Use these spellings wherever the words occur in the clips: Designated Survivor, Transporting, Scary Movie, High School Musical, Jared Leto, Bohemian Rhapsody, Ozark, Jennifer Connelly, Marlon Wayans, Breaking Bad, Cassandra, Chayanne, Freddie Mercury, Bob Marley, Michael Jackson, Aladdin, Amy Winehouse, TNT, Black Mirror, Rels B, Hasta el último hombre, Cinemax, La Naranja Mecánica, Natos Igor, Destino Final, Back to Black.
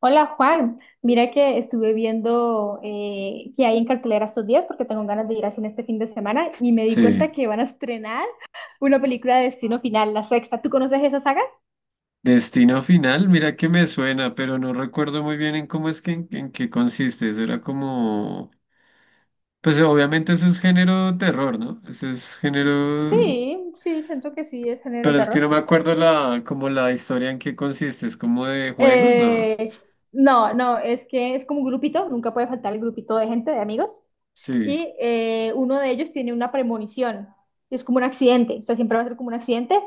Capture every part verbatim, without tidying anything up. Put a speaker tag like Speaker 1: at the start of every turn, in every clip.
Speaker 1: Hola Juan, mira que estuve viendo eh, qué hay en cartelera estos días porque tengo ganas de ir al cine este fin de semana y me di
Speaker 2: Sí.
Speaker 1: cuenta que van a estrenar una película de Destino Final, la sexta. ¿Tú conoces esa saga?
Speaker 2: Destino final, mira que me suena, pero no recuerdo muy bien en cómo es que en, en qué consiste. Eso era como, pues obviamente eso es género terror, ¿no? Eso es género,
Speaker 1: Sí, sí, siento que sí, es género de
Speaker 2: pero es que
Speaker 1: terror.
Speaker 2: no me acuerdo la, como la historia en qué consiste. Es como de juegos, ¿no?
Speaker 1: Eh, no, no, es que es como un grupito, nunca puede faltar el grupito de gente, de amigos,
Speaker 2: Sí,
Speaker 1: y eh, uno de ellos tiene una premonición, es como un accidente, o sea, siempre va a ser como un accidente,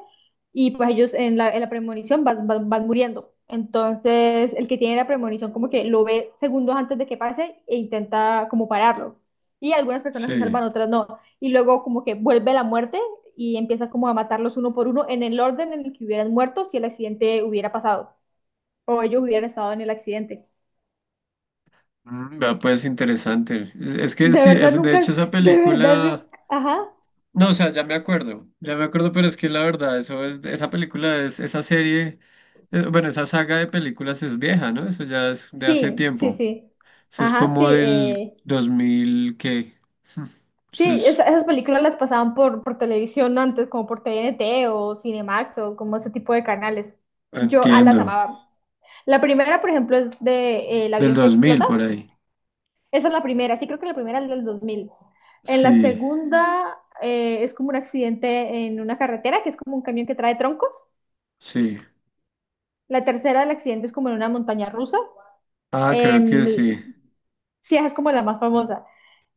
Speaker 1: y pues ellos en la, en la premonición van, van, van muriendo. Entonces, el que tiene la premonición como que lo ve segundos antes de que pase e intenta como pararlo. Y algunas personas se
Speaker 2: sí.
Speaker 1: salvan, otras no. Y luego como que vuelve la muerte y empieza como a matarlos uno por uno en el orden en el que hubieran muerto si el accidente hubiera pasado o ellos hubieran estado en el accidente.
Speaker 2: Mm, vea, pues interesante. Es, es que
Speaker 1: De
Speaker 2: sí,
Speaker 1: verdad
Speaker 2: es, de
Speaker 1: nunca,
Speaker 2: hecho
Speaker 1: es
Speaker 2: esa
Speaker 1: de verdad, nu-
Speaker 2: película.
Speaker 1: ajá.
Speaker 2: No, o sea, ya me acuerdo, ya me acuerdo, pero es que la verdad, eso es- esa película es, esa serie, eh, bueno, esa saga de películas es vieja, ¿no? Eso ya es de hace
Speaker 1: Sí, sí,
Speaker 2: tiempo.
Speaker 1: sí.
Speaker 2: ¿Eso es
Speaker 1: Ajá, sí.
Speaker 2: como del
Speaker 1: Eh,
Speaker 2: dos mil qué?
Speaker 1: sí,
Speaker 2: Eso
Speaker 1: esa-
Speaker 2: es,
Speaker 1: esas películas las pasaban por, por televisión antes, como por T N T o Cinemax o como ese tipo de canales. Yo a las
Speaker 2: entiendo,
Speaker 1: amaba. La primera, por ejemplo, es de eh, El
Speaker 2: del
Speaker 1: avión que
Speaker 2: dos mil
Speaker 1: explota.
Speaker 2: por ahí.
Speaker 1: Esa es la primera, sí creo que la primera es del dos mil. En la
Speaker 2: Sí,
Speaker 1: segunda eh, es como un accidente en una carretera, que es como un camión que trae troncos.
Speaker 2: sí.
Speaker 1: La tercera, el accidente es como en una montaña rusa.
Speaker 2: Ah, creo
Speaker 1: Em,
Speaker 2: que sí.
Speaker 1: sí, esa es como la más famosa.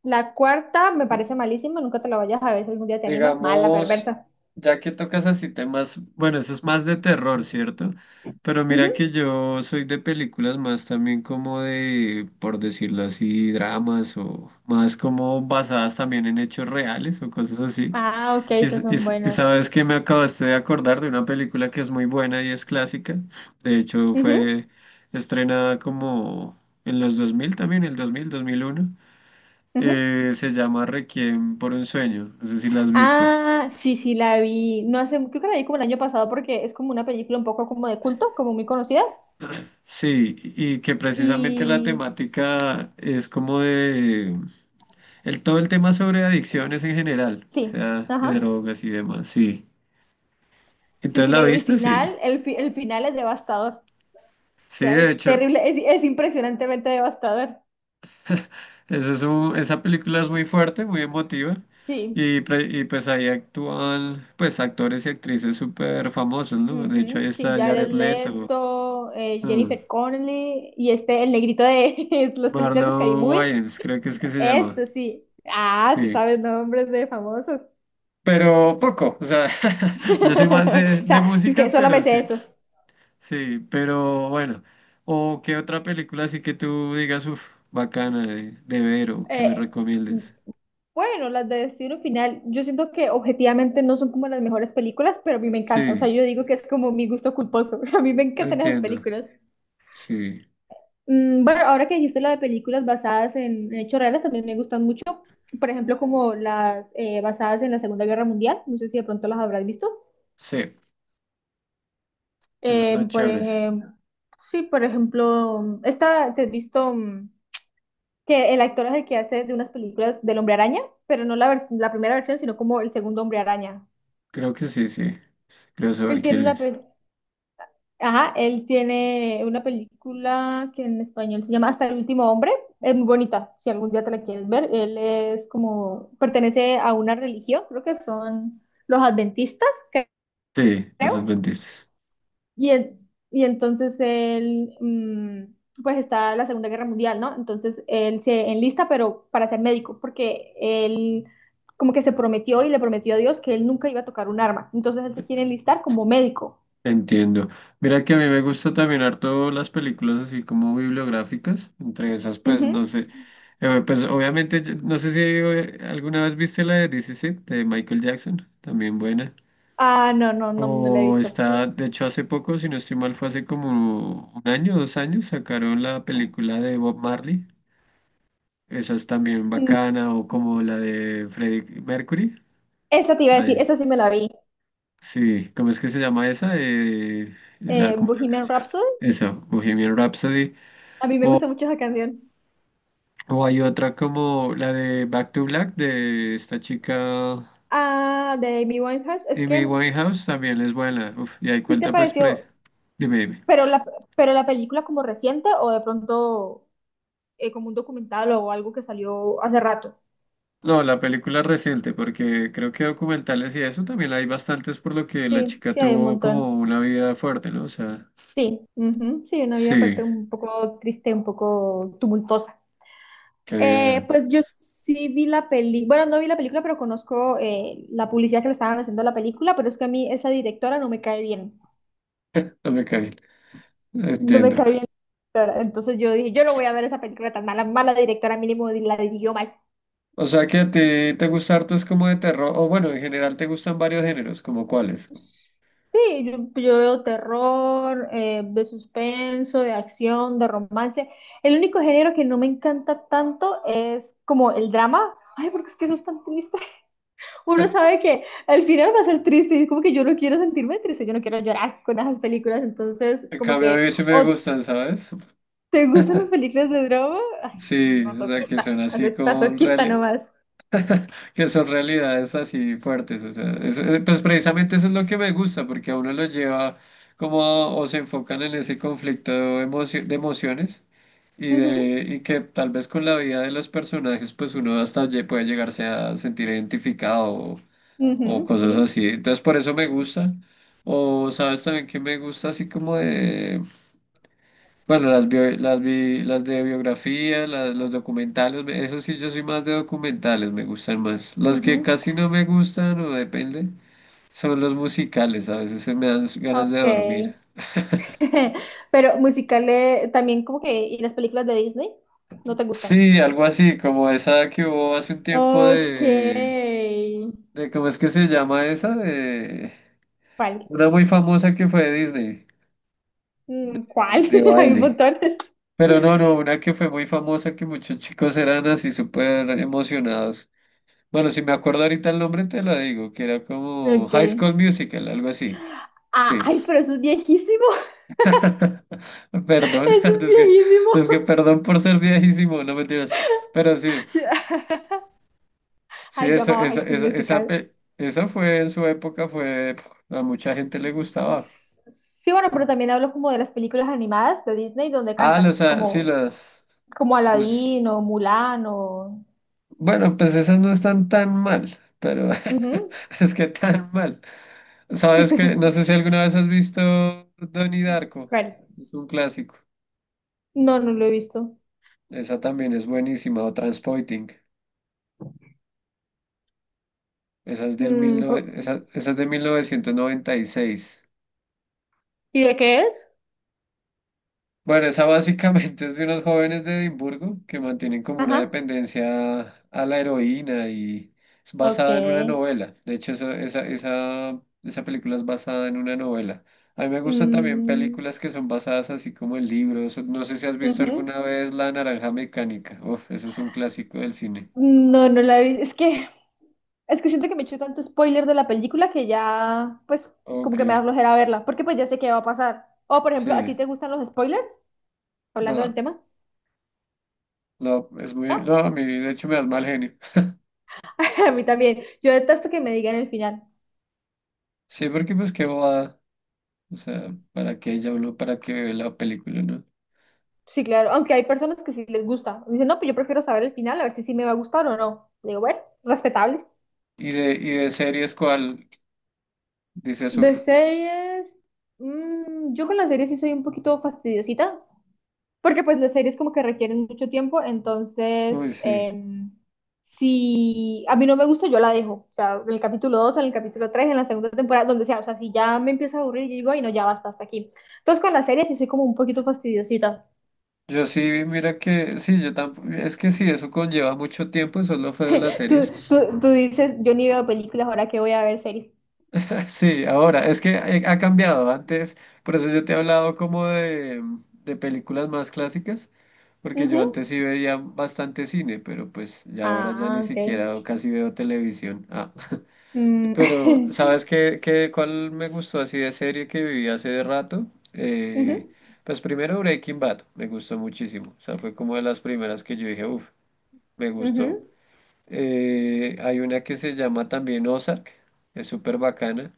Speaker 1: La cuarta me parece malísima, nunca te la vayas a ver si algún día te animas. Mala,
Speaker 2: Digamos,
Speaker 1: perversa.
Speaker 2: ya que tocas así temas, bueno, eso es más de terror, ¿cierto? Pero mira
Speaker 1: Ujú.
Speaker 2: que yo soy de películas más también como de, por decirlo así, dramas o más como basadas también en hechos reales o cosas así.
Speaker 1: Ah, ok,
Speaker 2: Y,
Speaker 1: esas
Speaker 2: s- y
Speaker 1: son
Speaker 2: s- y
Speaker 1: buenas.
Speaker 2: sabes que me acabaste de acordar de una película que es muy buena y es clásica. De hecho,
Speaker 1: Ujú,
Speaker 2: fue estrenada como en los dos mil también, el dos mil, dos mil uno.
Speaker 1: ujú.
Speaker 2: Eh, se llama Requiem por un sueño. No sé si la has visto.
Speaker 1: Ah, sí, sí, la vi. No hace, creo que la vi como el año pasado porque es como una película un poco como de culto, como muy conocida.
Speaker 2: Sí, y que precisamente la
Speaker 1: Y
Speaker 2: temática es como de el todo el tema sobre adicciones en general, o
Speaker 1: sí,
Speaker 2: sea, de
Speaker 1: ajá.
Speaker 2: drogas y demás, sí.
Speaker 1: Sí,
Speaker 2: Entonces
Speaker 1: sí, la
Speaker 2: la
Speaker 1: vi. El
Speaker 2: viste, sí.
Speaker 1: final, el, fi- el final es devastador. O
Speaker 2: Sí,
Speaker 1: sea,
Speaker 2: de
Speaker 1: es
Speaker 2: hecho,
Speaker 1: terrible, es, es impresionantemente devastador.
Speaker 2: eso es un- esa película es muy fuerte, muy emotiva
Speaker 1: Sí.
Speaker 2: y, pre- y pues ahí actúan pues actores y actrices súper famosos, ¿no? De hecho, ahí
Speaker 1: Ujú, sí,
Speaker 2: está
Speaker 1: Jared
Speaker 2: Jared Leto,
Speaker 1: Leto, eh,
Speaker 2: ah,
Speaker 1: Jennifer Connelly y este, el negrito de las películas de Scary
Speaker 2: Marlon
Speaker 1: Movie.
Speaker 2: Wayans, creo que es que se llama.
Speaker 1: Eso sí. Ah, sí
Speaker 2: Sí,
Speaker 1: sabes nombres de famosos.
Speaker 2: pero poco, o sea, yo soy más
Speaker 1: O
Speaker 2: de, de
Speaker 1: sea, es que
Speaker 2: música,
Speaker 1: solo
Speaker 2: pero
Speaker 1: me sé
Speaker 2: sí,
Speaker 1: esos.
Speaker 2: sí, pero bueno, o qué otra película así que tú digas, uff, bacana de, de ver o que me
Speaker 1: Eh,
Speaker 2: recomiendes.
Speaker 1: bueno, las de Destino Final, yo siento que objetivamente no son como las mejores películas, pero a mí me encantan. O sea,
Speaker 2: Sí,
Speaker 1: yo digo que es como mi gusto culposo. A mí me
Speaker 2: lo
Speaker 1: encantan esas
Speaker 2: entiendo,
Speaker 1: películas.
Speaker 2: sí,
Speaker 1: Mm, bueno, ahora que dijiste la de películas basadas en, en hechos reales, también me gustan mucho. Por ejemplo, como las eh, basadas en la Segunda Guerra Mundial. No sé si de pronto las habrás visto.
Speaker 2: sí, esas son
Speaker 1: Eh, por
Speaker 2: chéveres,
Speaker 1: ejemplo, sí, por ejemplo, esta te has visto mm, que el actor es el que hace de unas películas del Hombre Araña, pero no la, vers- la primera versión, sino como el segundo Hombre Araña.
Speaker 2: creo que sí, sí, creo
Speaker 1: Él
Speaker 2: saber
Speaker 1: tiene
Speaker 2: quién
Speaker 1: una,
Speaker 2: es.
Speaker 1: pe- Ajá, él tiene una película que en español se llama Hasta el último hombre. Es muy bonita, si algún día te la quieres ver. Él es como, pertenece a una religión, creo que son los adventistas, cre-
Speaker 2: Sí, los
Speaker 1: creo.
Speaker 2: adventistas.
Speaker 1: Y, en- y entonces él, mm, pues está la Segunda Guerra Mundial, ¿no? Entonces él se enlista, pero para ser médico, porque él como que se prometió y le prometió a Dios que él nunca iba a tocar un arma. Entonces él se quiere enlistar como médico.
Speaker 2: Entiendo. Mira que a mí me gusta también harto las películas así como bibliográficas. Entre esas, pues, no
Speaker 1: Ujú.
Speaker 2: sé. Eh, pues, obviamente, yo- no sé si eh, alguna vez viste la de This Is It, de Michael Jackson. También buena.
Speaker 1: Ah, no, no, no, no la he
Speaker 2: O
Speaker 1: visto.
Speaker 2: está, de hecho, hace poco, si no estoy mal, fue hace como un año, dos años, sacaron la película de Bob Marley. Esa es también bacana. O como la de Freddie Mercury.
Speaker 1: Esa te iba a
Speaker 2: la
Speaker 1: decir,
Speaker 2: de-
Speaker 1: esa sí me la vi.
Speaker 2: Sí, ¿cómo es que se llama esa? Eh, la,
Speaker 1: Eh,
Speaker 2: como la
Speaker 1: Bohemian
Speaker 2: canción.
Speaker 1: Rhapsody.
Speaker 2: Esa, Bohemian Rhapsody.
Speaker 1: A mí me
Speaker 2: O,
Speaker 1: gusta mucho esa canción.
Speaker 2: o hay otra como la de Back to Black de esta chica
Speaker 1: Ah, de Amy Winehouse. Es
Speaker 2: Amy
Speaker 1: que
Speaker 2: Winehouse, también es buena. Uf, y ahí
Speaker 1: sí te
Speaker 2: cuenta pues pre-
Speaker 1: pareció,
Speaker 2: Dime, dime.
Speaker 1: pero la, pero la película como reciente o de pronto eh, como un documental o algo que salió hace rato.
Speaker 2: No, la película reciente, porque creo que documentales y eso también hay bastantes por lo que la
Speaker 1: Sí,
Speaker 2: chica
Speaker 1: sí hay un
Speaker 2: tuvo
Speaker 1: montón.
Speaker 2: como una vida fuerte, ¿no? O sea,
Speaker 1: Sí, ujú, sí, una vida
Speaker 2: sí,
Speaker 1: aparte un poco triste, un poco tumultuosa.
Speaker 2: qué
Speaker 1: Eh,
Speaker 2: vida,
Speaker 1: pues yo sí vi la peli, bueno, no vi la película, pero conozco eh, la publicidad que le estaban haciendo a la película, pero es que a mí esa directora no me cae bien.
Speaker 2: no me cae.
Speaker 1: No me
Speaker 2: Entiendo.
Speaker 1: cae bien la directora. Entonces yo dije, yo no voy a ver esa película tan mala, mala directora mínimo la dirigió mal.
Speaker 2: ¿O sea que a ti te gusta harto es como de terror, o bueno, en general te gustan varios géneros, como cuáles?
Speaker 1: Sí, yo, yo veo terror, eh, de suspenso, de acción, de romance. El único género que no me encanta tanto es como el drama. Ay, porque es que eso es tan triste. Uno sabe que al final va a ser triste y es como que yo no quiero sentirme triste, yo no quiero llorar con esas películas. Entonces,
Speaker 2: En
Speaker 1: como
Speaker 2: cambio, a
Speaker 1: que,
Speaker 2: mí sí me
Speaker 1: o
Speaker 2: gustan, ¿sabes?
Speaker 1: te gustan las películas de drama, ay,
Speaker 2: Sí, o sea, que
Speaker 1: masoquista,
Speaker 2: son así
Speaker 1: maso-
Speaker 2: con
Speaker 1: masoquista
Speaker 2: reali-
Speaker 1: nomás.
Speaker 2: que son realidades así fuertes, o sea, es- eh, pues precisamente eso es lo que me gusta, porque a uno lo lleva como, a- o se enfocan en ese conflicto emocio- de emociones y,
Speaker 1: Ujú.
Speaker 2: de, y que tal vez con la vida de los personajes, pues uno hasta lle- puede llegarse a sentir identificado o
Speaker 1: Ujú, sí.
Speaker 2: cosas así. Entonces por eso me gusta. O sabes también que me gusta así como de, bueno, las bio- las, bi- las de biografía, la- los documentales, me- eso sí, yo soy más de documentales, me gustan más. Los que
Speaker 1: Ujú.
Speaker 2: casi no me gustan o depende son los musicales, a veces se me dan ganas de
Speaker 1: Ok.
Speaker 2: dormir.
Speaker 1: Pero musicales también como que... ¿Y las películas de Disney? ¿No te gustan?
Speaker 2: Sí, algo así, como esa que hubo hace un tiempo
Speaker 1: Ok.
Speaker 2: de, de ¿cómo es que se llama esa? De
Speaker 1: ¿Cuál?
Speaker 2: una muy famosa que fue de Disney,
Speaker 1: Mm,
Speaker 2: eh,
Speaker 1: ¿cuál?
Speaker 2: de
Speaker 1: Hay un
Speaker 2: baile.
Speaker 1: montón.
Speaker 2: Pero no, no, una que fue muy famosa que muchos chicos eran así súper emocionados. Bueno, si me acuerdo ahorita el nombre te la digo, que era como
Speaker 1: Ok.
Speaker 2: High School Musical, algo así.
Speaker 1: Ah,
Speaker 2: Sí.
Speaker 1: ay, pero eso es viejísimo.
Speaker 2: Perdón,
Speaker 1: Eso es
Speaker 2: es que,
Speaker 1: viejísimo.
Speaker 2: no es que perdón por ser viejísimo, no mentiras. Pero sí,
Speaker 1: Sí.
Speaker 2: sí,
Speaker 1: Ay, yo
Speaker 2: esa,
Speaker 1: amaba High
Speaker 2: esa,
Speaker 1: School
Speaker 2: esa, esa,
Speaker 1: Musical.
Speaker 2: pe- esa fue en su época, fue, pf, a mucha gente le gustaba.
Speaker 1: S- Sí, bueno, pero también hablo como de las películas animadas de Disney donde
Speaker 2: Ah,
Speaker 1: cantan,
Speaker 2: los, ah, sí,
Speaker 1: como,
Speaker 2: las...
Speaker 1: como
Speaker 2: pues,
Speaker 1: Aladdin o Mulan o...
Speaker 2: bueno, pues esas no están tan mal, pero
Speaker 1: Ujú.
Speaker 2: es que tan mal. Sabes que, no sé si alguna vez has visto Donnie Darko,
Speaker 1: ¿Cuál?
Speaker 2: es un clásico.
Speaker 1: No, no lo he visto.
Speaker 2: Esa también es buenísima, o Transporting. Esa es del mil
Speaker 1: Mm, po-
Speaker 2: nove- esa, esa es de mil novecientos noventa y seis.
Speaker 1: ¿y de qué es?
Speaker 2: Bueno, esa básicamente es de unos jóvenes de Edimburgo que mantienen como una
Speaker 1: Ajá,
Speaker 2: dependencia a la heroína y es basada en una
Speaker 1: ok.
Speaker 2: novela. De hecho, esa, esa, esa, esa película es basada en una novela. A mí me gustan también
Speaker 1: Mm,
Speaker 2: películas que son basadas así como en libros. No sé si has visto
Speaker 1: ujú.
Speaker 2: alguna vez La Naranja Mecánica. Uf, eso es un clásico del cine.
Speaker 1: No, no la vi. Es que, es que siento que me echo tanto spoiler de la película que ya, pues, como
Speaker 2: Ok,
Speaker 1: que me da flojera verla, porque pues ya sé qué va a pasar. O, por ejemplo, ¿a ti
Speaker 2: sí.
Speaker 1: te gustan los spoilers? Hablando del
Speaker 2: No,
Speaker 1: tema,
Speaker 2: no, es muy... No,
Speaker 1: ¿no?
Speaker 2: a mí de hecho me das mal genio.
Speaker 1: A mí también. Yo detesto que me digan el final.
Speaker 2: Sí, porque pues qué bobada. O sea, ¿para qué ya uno, para qué ve la película, no?
Speaker 1: Sí, claro. Aunque hay personas que sí les gusta. Dicen, no, pues yo prefiero saber el final, a ver si sí me va a gustar o no. Digo, bueno, respetable.
Speaker 2: Y de, y de series, ¿cuál? Dices,
Speaker 1: De
Speaker 2: uff.
Speaker 1: series, mm, yo con las series sí soy un poquito fastidiosita, porque pues las series como que requieren mucho tiempo,
Speaker 2: Uy,
Speaker 1: entonces
Speaker 2: sí.
Speaker 1: em, si a mí no me gusta, yo la dejo, o sea, en el capítulo dos, en el capítulo tres en la segunda temporada, donde sea, o sea, si ya me empieza a aburrir, yo digo, ay no, ya basta, hasta aquí. Entonces con las series sí soy como un poquito fastidiosita.
Speaker 2: Yo sí, mira que, sí, yo tampoco, es que sí, eso conlleva mucho tiempo, eso es lo feo de las
Speaker 1: Tú,
Speaker 2: series.
Speaker 1: tú, tú dices, yo ni veo películas, ahora que voy a ver series.
Speaker 2: Sí, ahora, es que ha ha cambiado antes, por eso yo te he hablado como de, de películas más clásicas, porque yo
Speaker 1: Ujú.
Speaker 2: antes sí veía bastante cine, pero pues ya ahora ya ni
Speaker 1: Ah, ok.
Speaker 2: siquiera casi veo televisión. ah
Speaker 1: Mm,
Speaker 2: Pero, ¿sabes qué, qué, cuál me gustó así de serie que viví hace rato? Eh,
Speaker 1: ujú,
Speaker 2: pues primero Breaking Bad, me gustó muchísimo. O sea, fue como de las primeras que yo dije, uff, me gustó.
Speaker 1: ujú,
Speaker 2: Eh, hay una que se llama también Ozark, es súper bacana.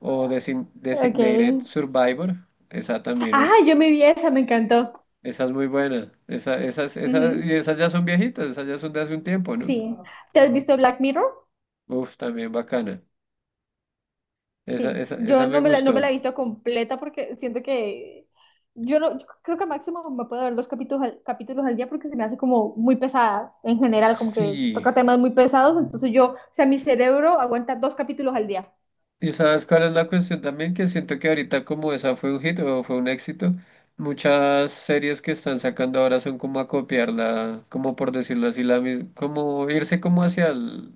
Speaker 2: O Design- Designated
Speaker 1: ok.
Speaker 2: Survivor, esa también, uff,
Speaker 1: Ah, yo me vi esa, me encantó.
Speaker 2: esa es muy buena. Esa, esas, esas, y
Speaker 1: Ujú,
Speaker 2: esas ya son viejitas, esas ya son de hace un tiempo, ¿no?
Speaker 1: sí. ¿Te has visto Black Mirror?
Speaker 2: Uff, también bacana. Esa,
Speaker 1: Sí.
Speaker 2: esa,
Speaker 1: Yo
Speaker 2: esa me
Speaker 1: no me la, no me
Speaker 2: gustó.
Speaker 1: la he visto completa porque siento que yo no, yo creo que máximo me puedo ver dos capítulos al, capítulos al día porque se me hace como muy pesada en general, como que
Speaker 2: Sí.
Speaker 1: toca temas muy pesados, entonces yo, o sea, mi cerebro aguanta dos capítulos al día,
Speaker 2: Y sabes cuál es la cuestión también, que siento que ahorita como esa fue un hit o fue un éxito, muchas series que están sacando ahora son como a copiarla, como por decirlo así, la mis- como irse como hacia el,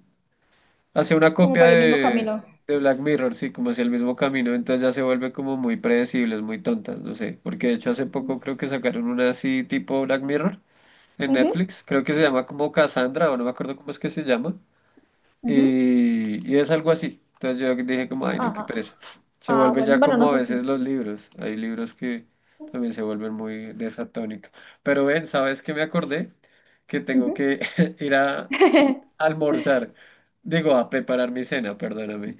Speaker 2: hacia una
Speaker 1: como
Speaker 2: copia
Speaker 1: por el mismo
Speaker 2: de,
Speaker 1: camino.
Speaker 2: de Black Mirror, sí, como hacia el mismo camino, entonces ya se vuelve como muy predecibles, muy tontas, no sé, porque de hecho hace poco creo que sacaron una así tipo Black Mirror en
Speaker 1: Ujú,
Speaker 2: Netflix, creo que se llama como Cassandra o no me acuerdo cómo es que se llama.
Speaker 1: ujú.
Speaker 2: Y, y es algo así. Entonces yo dije como, ay, no, qué
Speaker 1: Ajá.
Speaker 2: pereza. Se
Speaker 1: Ah,
Speaker 2: vuelve
Speaker 1: bueno,
Speaker 2: ya
Speaker 1: bueno,
Speaker 2: como
Speaker 1: no
Speaker 2: a
Speaker 1: sé si...
Speaker 2: veces los libros. Hay libros que también se vuelven muy de esa tónica. Pero ven, ¿sabes qué me acordé? Que tengo
Speaker 1: Ujú.
Speaker 2: que ir a almorzar. Digo, a preparar mi cena, perdóname.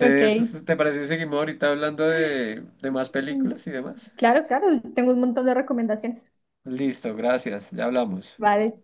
Speaker 1: Ok.
Speaker 2: ¿te parece si seguimos ahorita hablando de, de más películas y demás?
Speaker 1: Claro, claro, tengo un montón de recomendaciones.
Speaker 2: Listo, gracias. Ya hablamos.
Speaker 1: Vale,